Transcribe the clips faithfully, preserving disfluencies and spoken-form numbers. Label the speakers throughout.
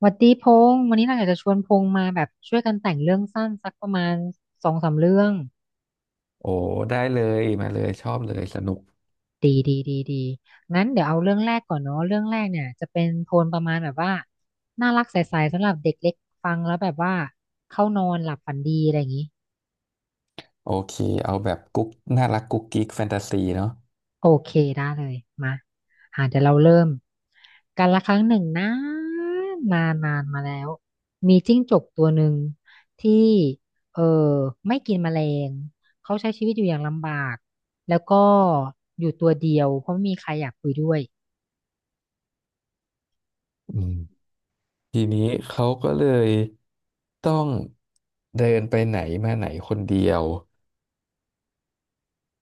Speaker 1: หวัดดีพงษ์วันนี้เราอยากจะชวนพงษ์มาแบบช่วยกันแต่งเรื่องสั้นสักประมาณสองสามเรื่อง
Speaker 2: โอ้ได้เลยมาเลยชอบเลยสนุก
Speaker 1: ดีดีดีดีงั้นเดี๋ยวเอาเรื่องแรกก่อนเนาะเรื่องแรกเนี่ยจะเป็นโทนประมาณแบบว่าน่ารักใสๆสำหรับเด็กเล็กฟังแล้วแบบว่าเข้านอนหลับฝันดีอะไรอย่างนี้
Speaker 2: โอเคเอาแบบกุ๊กน่ารักกุ๊กกิ๊กแฟนตาซีเนาะ
Speaker 1: โอเคได้เลยมาอ่าเดี๋ยวเราเริ่มการละครั้งหนึ่งนะนนานนานมาแล้วมีจิ้งจกตัวหนึ่งที่เออไม่กินแมลงเขาใช้ชีวิตอยู่อย่างลำบากแล้วก็อยู่ตัวเดียวเพราะไม่มีใครอยากคุยด้วย
Speaker 2: อืมทีนี้เขาก็เลยต้องเดินไปไหนมาไหนคนเดียว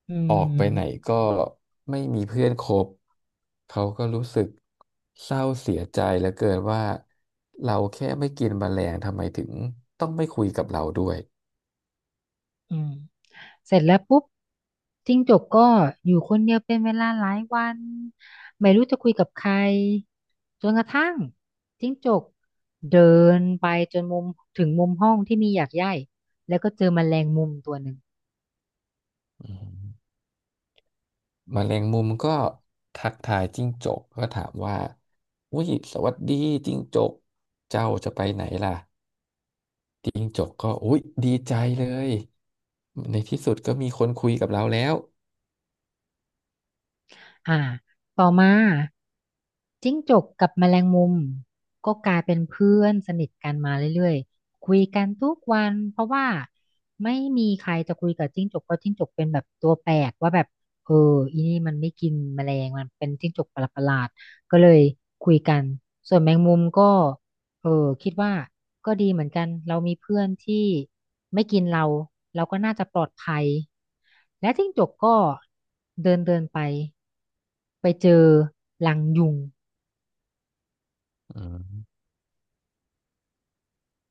Speaker 1: อื
Speaker 2: ออกไปไหน
Speaker 1: ม
Speaker 2: ก็ไม่มีเพื่อนคบเขาก็รู้สึกเศร้าเสียใจเหลือเกินว่าเราแค่ไม่กินแมลงทำไมถึงต้องไม่คุยกับเราด้วย
Speaker 1: อืม เสร็จแล้วปุ๊บจิ้งจกก็อยู่คนเดียวเป็นเวลาหลายวันไม่รู้จะคุยกับใครจนกระทั่งจิ้งจกเดินไปจนมุมถึงมุมห้องที่มีหยากไย่แล้วก็เจอแมลงมุมตัวหนึ่ง
Speaker 2: อืม แมลงมุมก็ทักทายจิ้งจกก็ถามว่าอุ้ยสวัสดีจิ้งจกเจ้าจะไปไหนล่ะจิ้งจกก็อุ้ยดีใจเลยในที่สุดก็มีคนคุยกับเราแล้ว
Speaker 1: อ่าต่อมาจิ้งจกกับแมลงมุมก็กลายเป็นเพื่อนสนิทกันมาเรื่อยๆคุยกันทุกวันเพราะว่าไม่มีใครจะคุยกับจิ้งจกเพราะจิ้งจกเป็นแบบตัวแปลกว่าแบบเอออีนี่มันไม่กินแมลงมันเป็นจิ้งจกประหลาดๆก็เลยคุยกันส่วนแมงมุมก็เออคิดว่าก็ดีเหมือนกันเรามีเพื่อนที่ไม่กินเราเราก็น่าจะปลอดภัยและจิ้งจกก็เดินเดินไป ไปเจอรังยุง
Speaker 2: อืม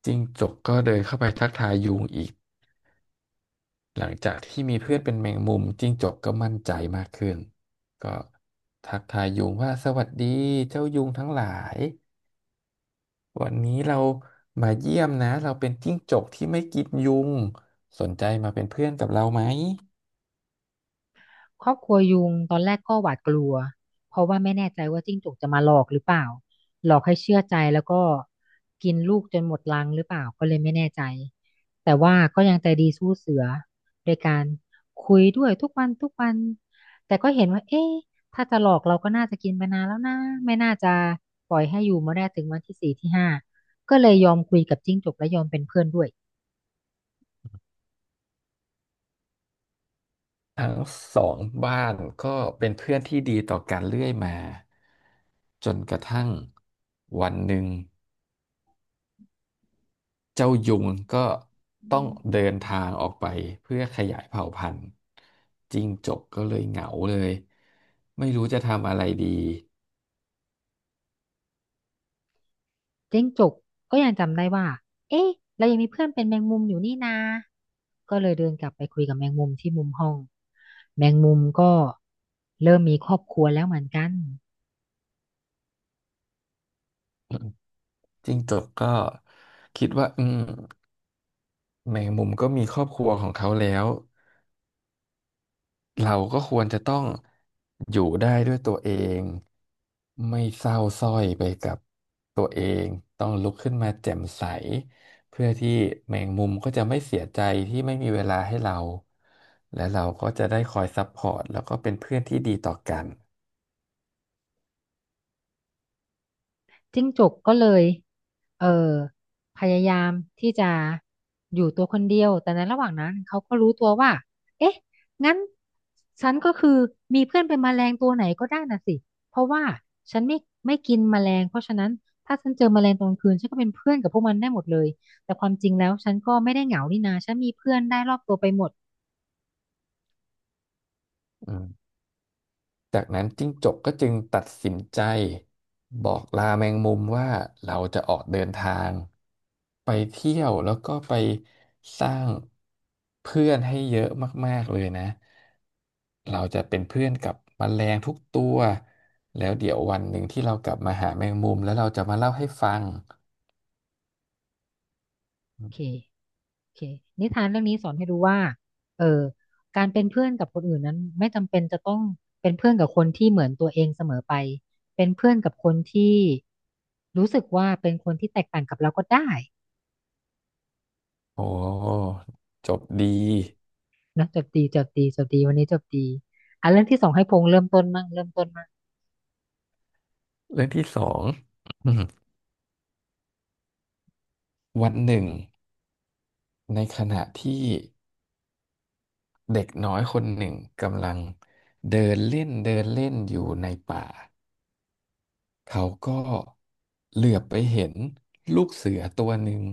Speaker 2: จิ้งจกก็เดินเข้าไปทักทายยุงอีก หลังจากที่มีเพื่อนเป็นแมงมุมจิ้งจกก็มั่นใจมากขึ้น ก็ทักทายยุงว่าสวัสดีเจ้ายุงทั้งหลาย วันนี้เรามาเยี่ยมนะเราเป็นจิ้งจกที่ไม่กินยุงสนใจมาเป็นเพื่อนกับเราไหม
Speaker 1: ครอบครัวยุงตอนแรกก็หวาดกลัวเพราะว่าไม่แน่ใจว่าจิ้งจกจะมาหลอกหรือเปล่าหลอกให้เชื่อใจแล้วก็กินลูกจนหมดรังหรือเปล่าก็เลยไม่แน่ใจแต่ว่าก็ยังใจดีสู้เสือโดยการคุยด้วยทุกวันทุกวันแต่ก็เห็นว่าเอ๊ะถ้าจะหลอกเราก็น่าจะกินไปนานแล้วนะไม่น่าจะปล่อยให้อยู่มาได้ถึงวันที่สี่ที่ห้าก็เลยยอมคุยกับจิ้งจกและยอมเป็นเพื่อนด้วย
Speaker 2: ทั้งสองบ้านก็เป็นเพื่อนที่ดีต่อกันเรื่อยมาจนกระทั่งวันหนึ่งเจ้ายุงก็ต้องเดินทางออกไปเพื่อขยายเผ่าพันธุ์จิ้งจกก็เลยเหงาเลยไม่รู้จะทำอะไรดี
Speaker 1: เจ๊งจกก็ยังจำได้ว่า เอ๊ะ เรายังมีเพื่อนเป็นแมงมุมอยู่นี่นาก็เลยเดินกลับไปคุยกับแมงมุมที่มุมห้อง แมงมุมก็เริ่มมีครอบครัวแล้วเหมือนกัน
Speaker 2: จิ้งจกก็คิดว่าอืมแมงมุมก็มีครอบครัวของเขาแล้ว เราก็ควรจะต้องอยู่ได้ด้วยตัวเองไม่เศร้าสร้อยไปกับตัวเองต้องลุกขึ้นมาแจ่มใสเพื่อที่แมงมุมก็จะไม่เสียใจที่ไม่มีเวลาให้เราและเราก็จะได้คอยซัพพอร์ตแล้วก็เป็นเพื่อนที่ดีต่อกัน
Speaker 1: จิ้งจกก็เลยเออพยายามที่จะอยู่ตัวคนเดียวแต่ในระหว่างนั้นเขาก็รู้ตัวว่าเอ๊ะงั้นฉันก็คือมีเพื่อนเป็นแมลงตัวไหนก็ได้น่ะสิเพราะว่าฉันไม่ไม่กินแมลงเพราะฉะนั้นถ้าฉันเจอแมลงตอนกลางคืนฉันก็เป็นเพื่อนกับพวกมันได้หมดเลยแต่ความจริงแล้วฉันก็ไม่ได้เหงานี่นาฉันมีเพื่อนได้รอบตัวไปหมด
Speaker 2: อืม จากนั้นจิ้งจกก็จึงตัดสินใจบอกลาแมงมุมว่าเราจะออกเดินทางไปเที่ยวแล้วก็ไปสร้างเพื่อนให้เยอะมากๆเลยนะเราจะเป็นเพื่อนกับแมลงทุกตัวแล้วเดี๋ยววันหนึ่งที่เรากลับมาหาแมงมุมแล้วเราจะมาเล่าให้ฟัง
Speaker 1: โอเค โอเคนิทานเรื่องนี้สอนให้รู้ว่าเออการเป็นเพื่อนกับคนอื่นนั้นไม่จำเป็นจะต้องเป็นเพื่อนกับคนที่เหมือนตัวเองเสมอไปเป็นเพื่อนกับคนที่รู้สึกว่าเป็นคนที่แตกต่างกับเราก็ได้
Speaker 2: โอ้จบดี
Speaker 1: นะจบดีจบดีจบดีวันนี้จบดีอ่ะเรื่องที่สองให้พงษ์เริ่มต้นมั่งเริ่มต้นมั่ง
Speaker 2: เรื่องที่สอง วันหนึ่งในขณะที่ เด็กน้อยคนหนึ่งกำลังเดินเล่นเดินเล่นอยู่ในป่า เขาก็เหลือบไปเห็นลูกเสือตัวหนึ่ง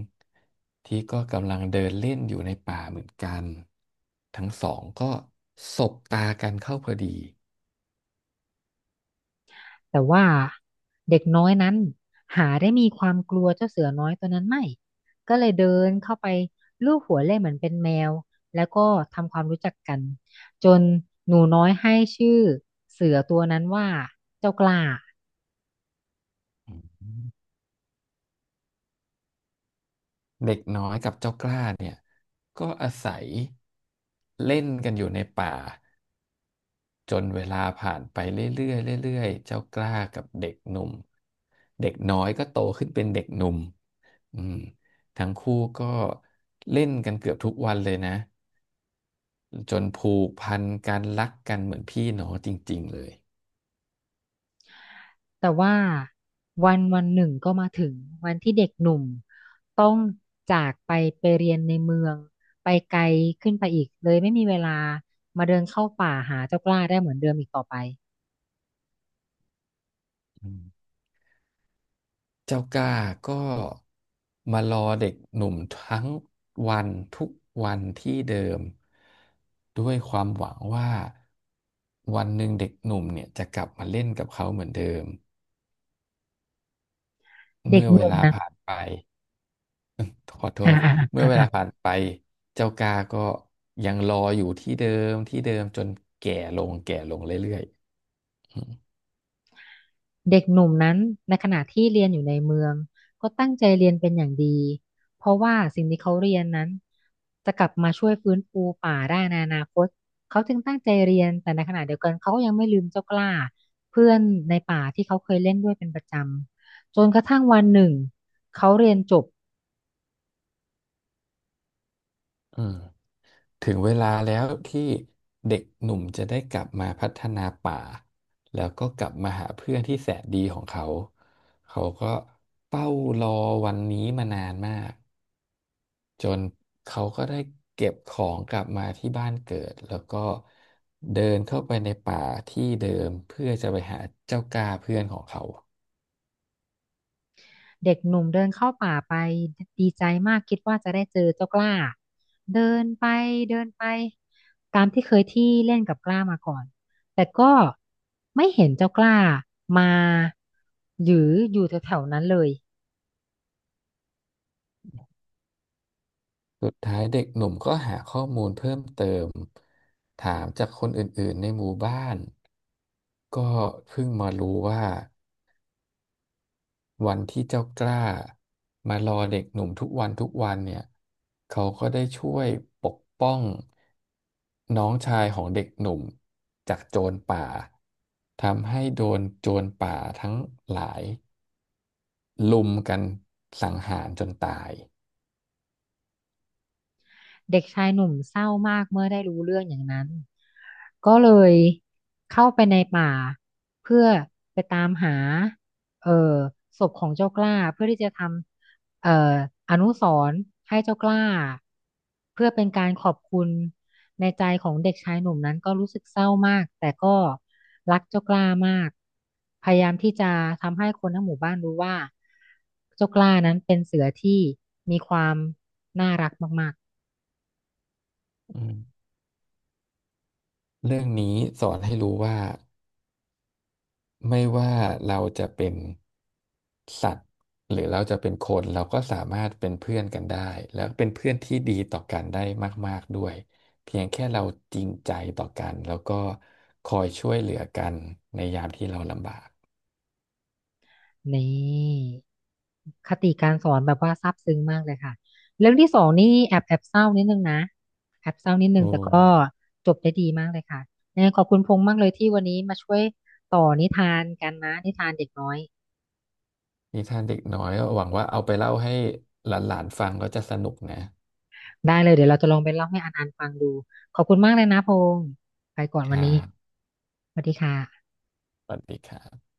Speaker 2: ที่ก็กำลังเดินเล่นอยู่ในป่าเหมือนกัน ทั้งสองก็สบตากันเข้าพอดี
Speaker 1: แต่ว่าเด็กน้อยนั้นหาได้มีความกลัวเจ้าเสือน้อยตัวนั้นไม่ก็เลยเดินเข้าไปลูบหัวเล่นเหมือนเป็นแมวแล้วก็ทำความรู้จักกันจนหนูน้อยให้ชื่อเสือตัวนั้นว่าเจ้ากล้า
Speaker 2: อืมเด็กน้อยกับเจ้ากล้าเนี่ยก็อาศัยเล่นกันอยู่ในป่า จนเวลาผ่านไปเรื่อยๆเรื่อยๆเจ้ากล้ากับเด็กหนุ่ม เด็กน้อยก็โตขึ้นเป็นเด็กหนุ่มอืมทั้งคู่ก็เล่นกันเกือบทุกวันเลยนะ จนผูกพันกันรักกันเหมือนพี่น้องจริงๆ เลย
Speaker 1: แต่ว่าวันวันหนึ่งก็มาถึงวันที่เด็กหนุ่มต้องจากไปไปเรียนในเมืองไปไกลขึ้นไปอีกเลยไม่มีเวลามาเดินเข้าป่าหาเจ้ากล้าได้เหมือนเดิมอีกต่อไป
Speaker 2: อืมเจ้ากล้าก็มารอเด็กหนุ่มทั้งวันทุกวันที่เดิมด้วยความหวังว่าวันหนึ่งเด็กหนุ่มเนี่ยจะกลับมาเล่นกับเขาเหมือนเดิม
Speaker 1: เด็ก
Speaker 2: เมื่อ
Speaker 1: ห
Speaker 2: เว
Speaker 1: นุ่ม
Speaker 2: ลา
Speaker 1: นั้น
Speaker 2: ผ่านไปขอโท
Speaker 1: อ่า
Speaker 2: ษ
Speaker 1: อ่า
Speaker 2: เมื่อ
Speaker 1: อ่า
Speaker 2: เว
Speaker 1: อ่า
Speaker 2: ลาผ่านไปเจ้ากาก็ยังรออยู่ที่เดิมที่เดิมจนแก่ลงแก่ลงเรื่อยๆอืม
Speaker 1: เด็กหนุ่มนั้นในขณะที่เรียนอยู่ในเมืองก็ตั้งใจเรียนเป็นอย่างดีเพราะว่าสิ่งที่เขาเรียนนั้นจะกลับมาช่วยฟื้นฟูป่าได้ในอนาคตเขาจึงตั้งใจเรียนแต่ในขณะเดียวกันเขาก็ยังไม่ลืมเจ้ากล้าเพื่อนในป่าที่เขาเคยเล่นด้วยเป็นประจำจนกระทั่งวันหนึ่งเขาเรียนจบ
Speaker 2: อืมถึงเวลาแล้วที่เด็กหนุ่มจะได้กลับมาพัฒนาป่าแล้วก็กลับมาหาเพื่อนที่แสนดีของเขาเขาก็เฝ้ารอวันนี้มานานมาก จนเขาก็ได้เก็บของกลับมาที่บ้านเกิดแล้วก็เดินเข้าไปในป่าที่เดิมเพื่อจะไปหาเจ้ากาเพื่อนของเขา
Speaker 1: เด็กหนุ่มเดินเข้าป่าไปดีใจมากคิดว่าจะได้เจอเจ้ากล้าเดินไปเดินไปตามที่เคยที่เล่นกับกล้ามาก่อนแต่ก็ไม่เห็นเจ้ากล้ามาหรืออยู่แถวๆนั้นเลย
Speaker 2: สุดท้ายเด็กหนุ่มก็หาข้อมูลเพิ่มเติมถามจากคนอื่นๆในหมู่บ้านก็เพิ่งมารู้ว่า วันที่เจ้ากล้ามารอเด็กหนุ่มทุกวันทุกวันเนี่ยเขาก็ได้ช่วยปกป้องน้องชายของเด็กหนุ่มจากโจรป่าทำให้โดนโจรป่าทั้งหลายลุมกันสังหารจนตาย
Speaker 1: เด็กชายหนุ่มเศร้ามากเมื่อได้รู้เรื่องอย่างนั้น ก็เลยเข้าไปในป่าเพื่อไปตามหาเอ่อศพของเจ้ากล้าเพื่อที่จะทำเอ่ออนุสรณ์ให้เจ้ากล้าเพื่อเป็นการขอบคุณในใจของเด็กชายหนุ่มนั้นก็รู้สึกเศร้ามากแต่ก็รักเจ้ากล้ามากพยายามที่จะทำให้คนทั้งหมู่บ้านรู้ว่าเจ้ากล้านั้นเป็นเสือที่มีความน่ารักมากๆ
Speaker 2: อืมเรื่องนี้สอนให้รู้ว่า ไม่ว่าเราจะเป็นสัตว์หรือเราจะเป็นคนเราก็สามารถเป็นเพื่อนกันได้แล้วเป็นเพื่อนที่ดีต่อกันได้มากๆด้วยเพียงแค่เราจริงใจต่อกันแล้วก็คอยช่วยเหลือกันในยามที่เราลำบาก
Speaker 1: นี่คติการสอนแบบว่าซาบซึ้งมากเลยค่ะเรื่องที่สองนี่แอบแอบเศร้านิดนึงนะแอบเศร้านิดนึ
Speaker 2: โอ้
Speaker 1: งแต่ก็จบได้ดีมากเลยค่ะยังไงขอบคุณพงษ์มากเลยที่วันนี้มาช่วยต่อนิทานกันนะนิทานเด็กน้อย
Speaker 2: นิทานเด็กน้อยก็หวังว่าเอาไปเล่าให้หลานๆฟังแล้จะสนุกนะ
Speaker 1: ได้เลยเดี๋ยวเราจะลองไปเล่าให้อันอันฟังดูขอบคุณมากเลยนะพงษ์ไปก่อน
Speaker 2: ค
Speaker 1: วัน
Speaker 2: รั
Speaker 1: นี้
Speaker 2: บ
Speaker 1: สวัสดีค่ะ
Speaker 2: สวัสดีครับ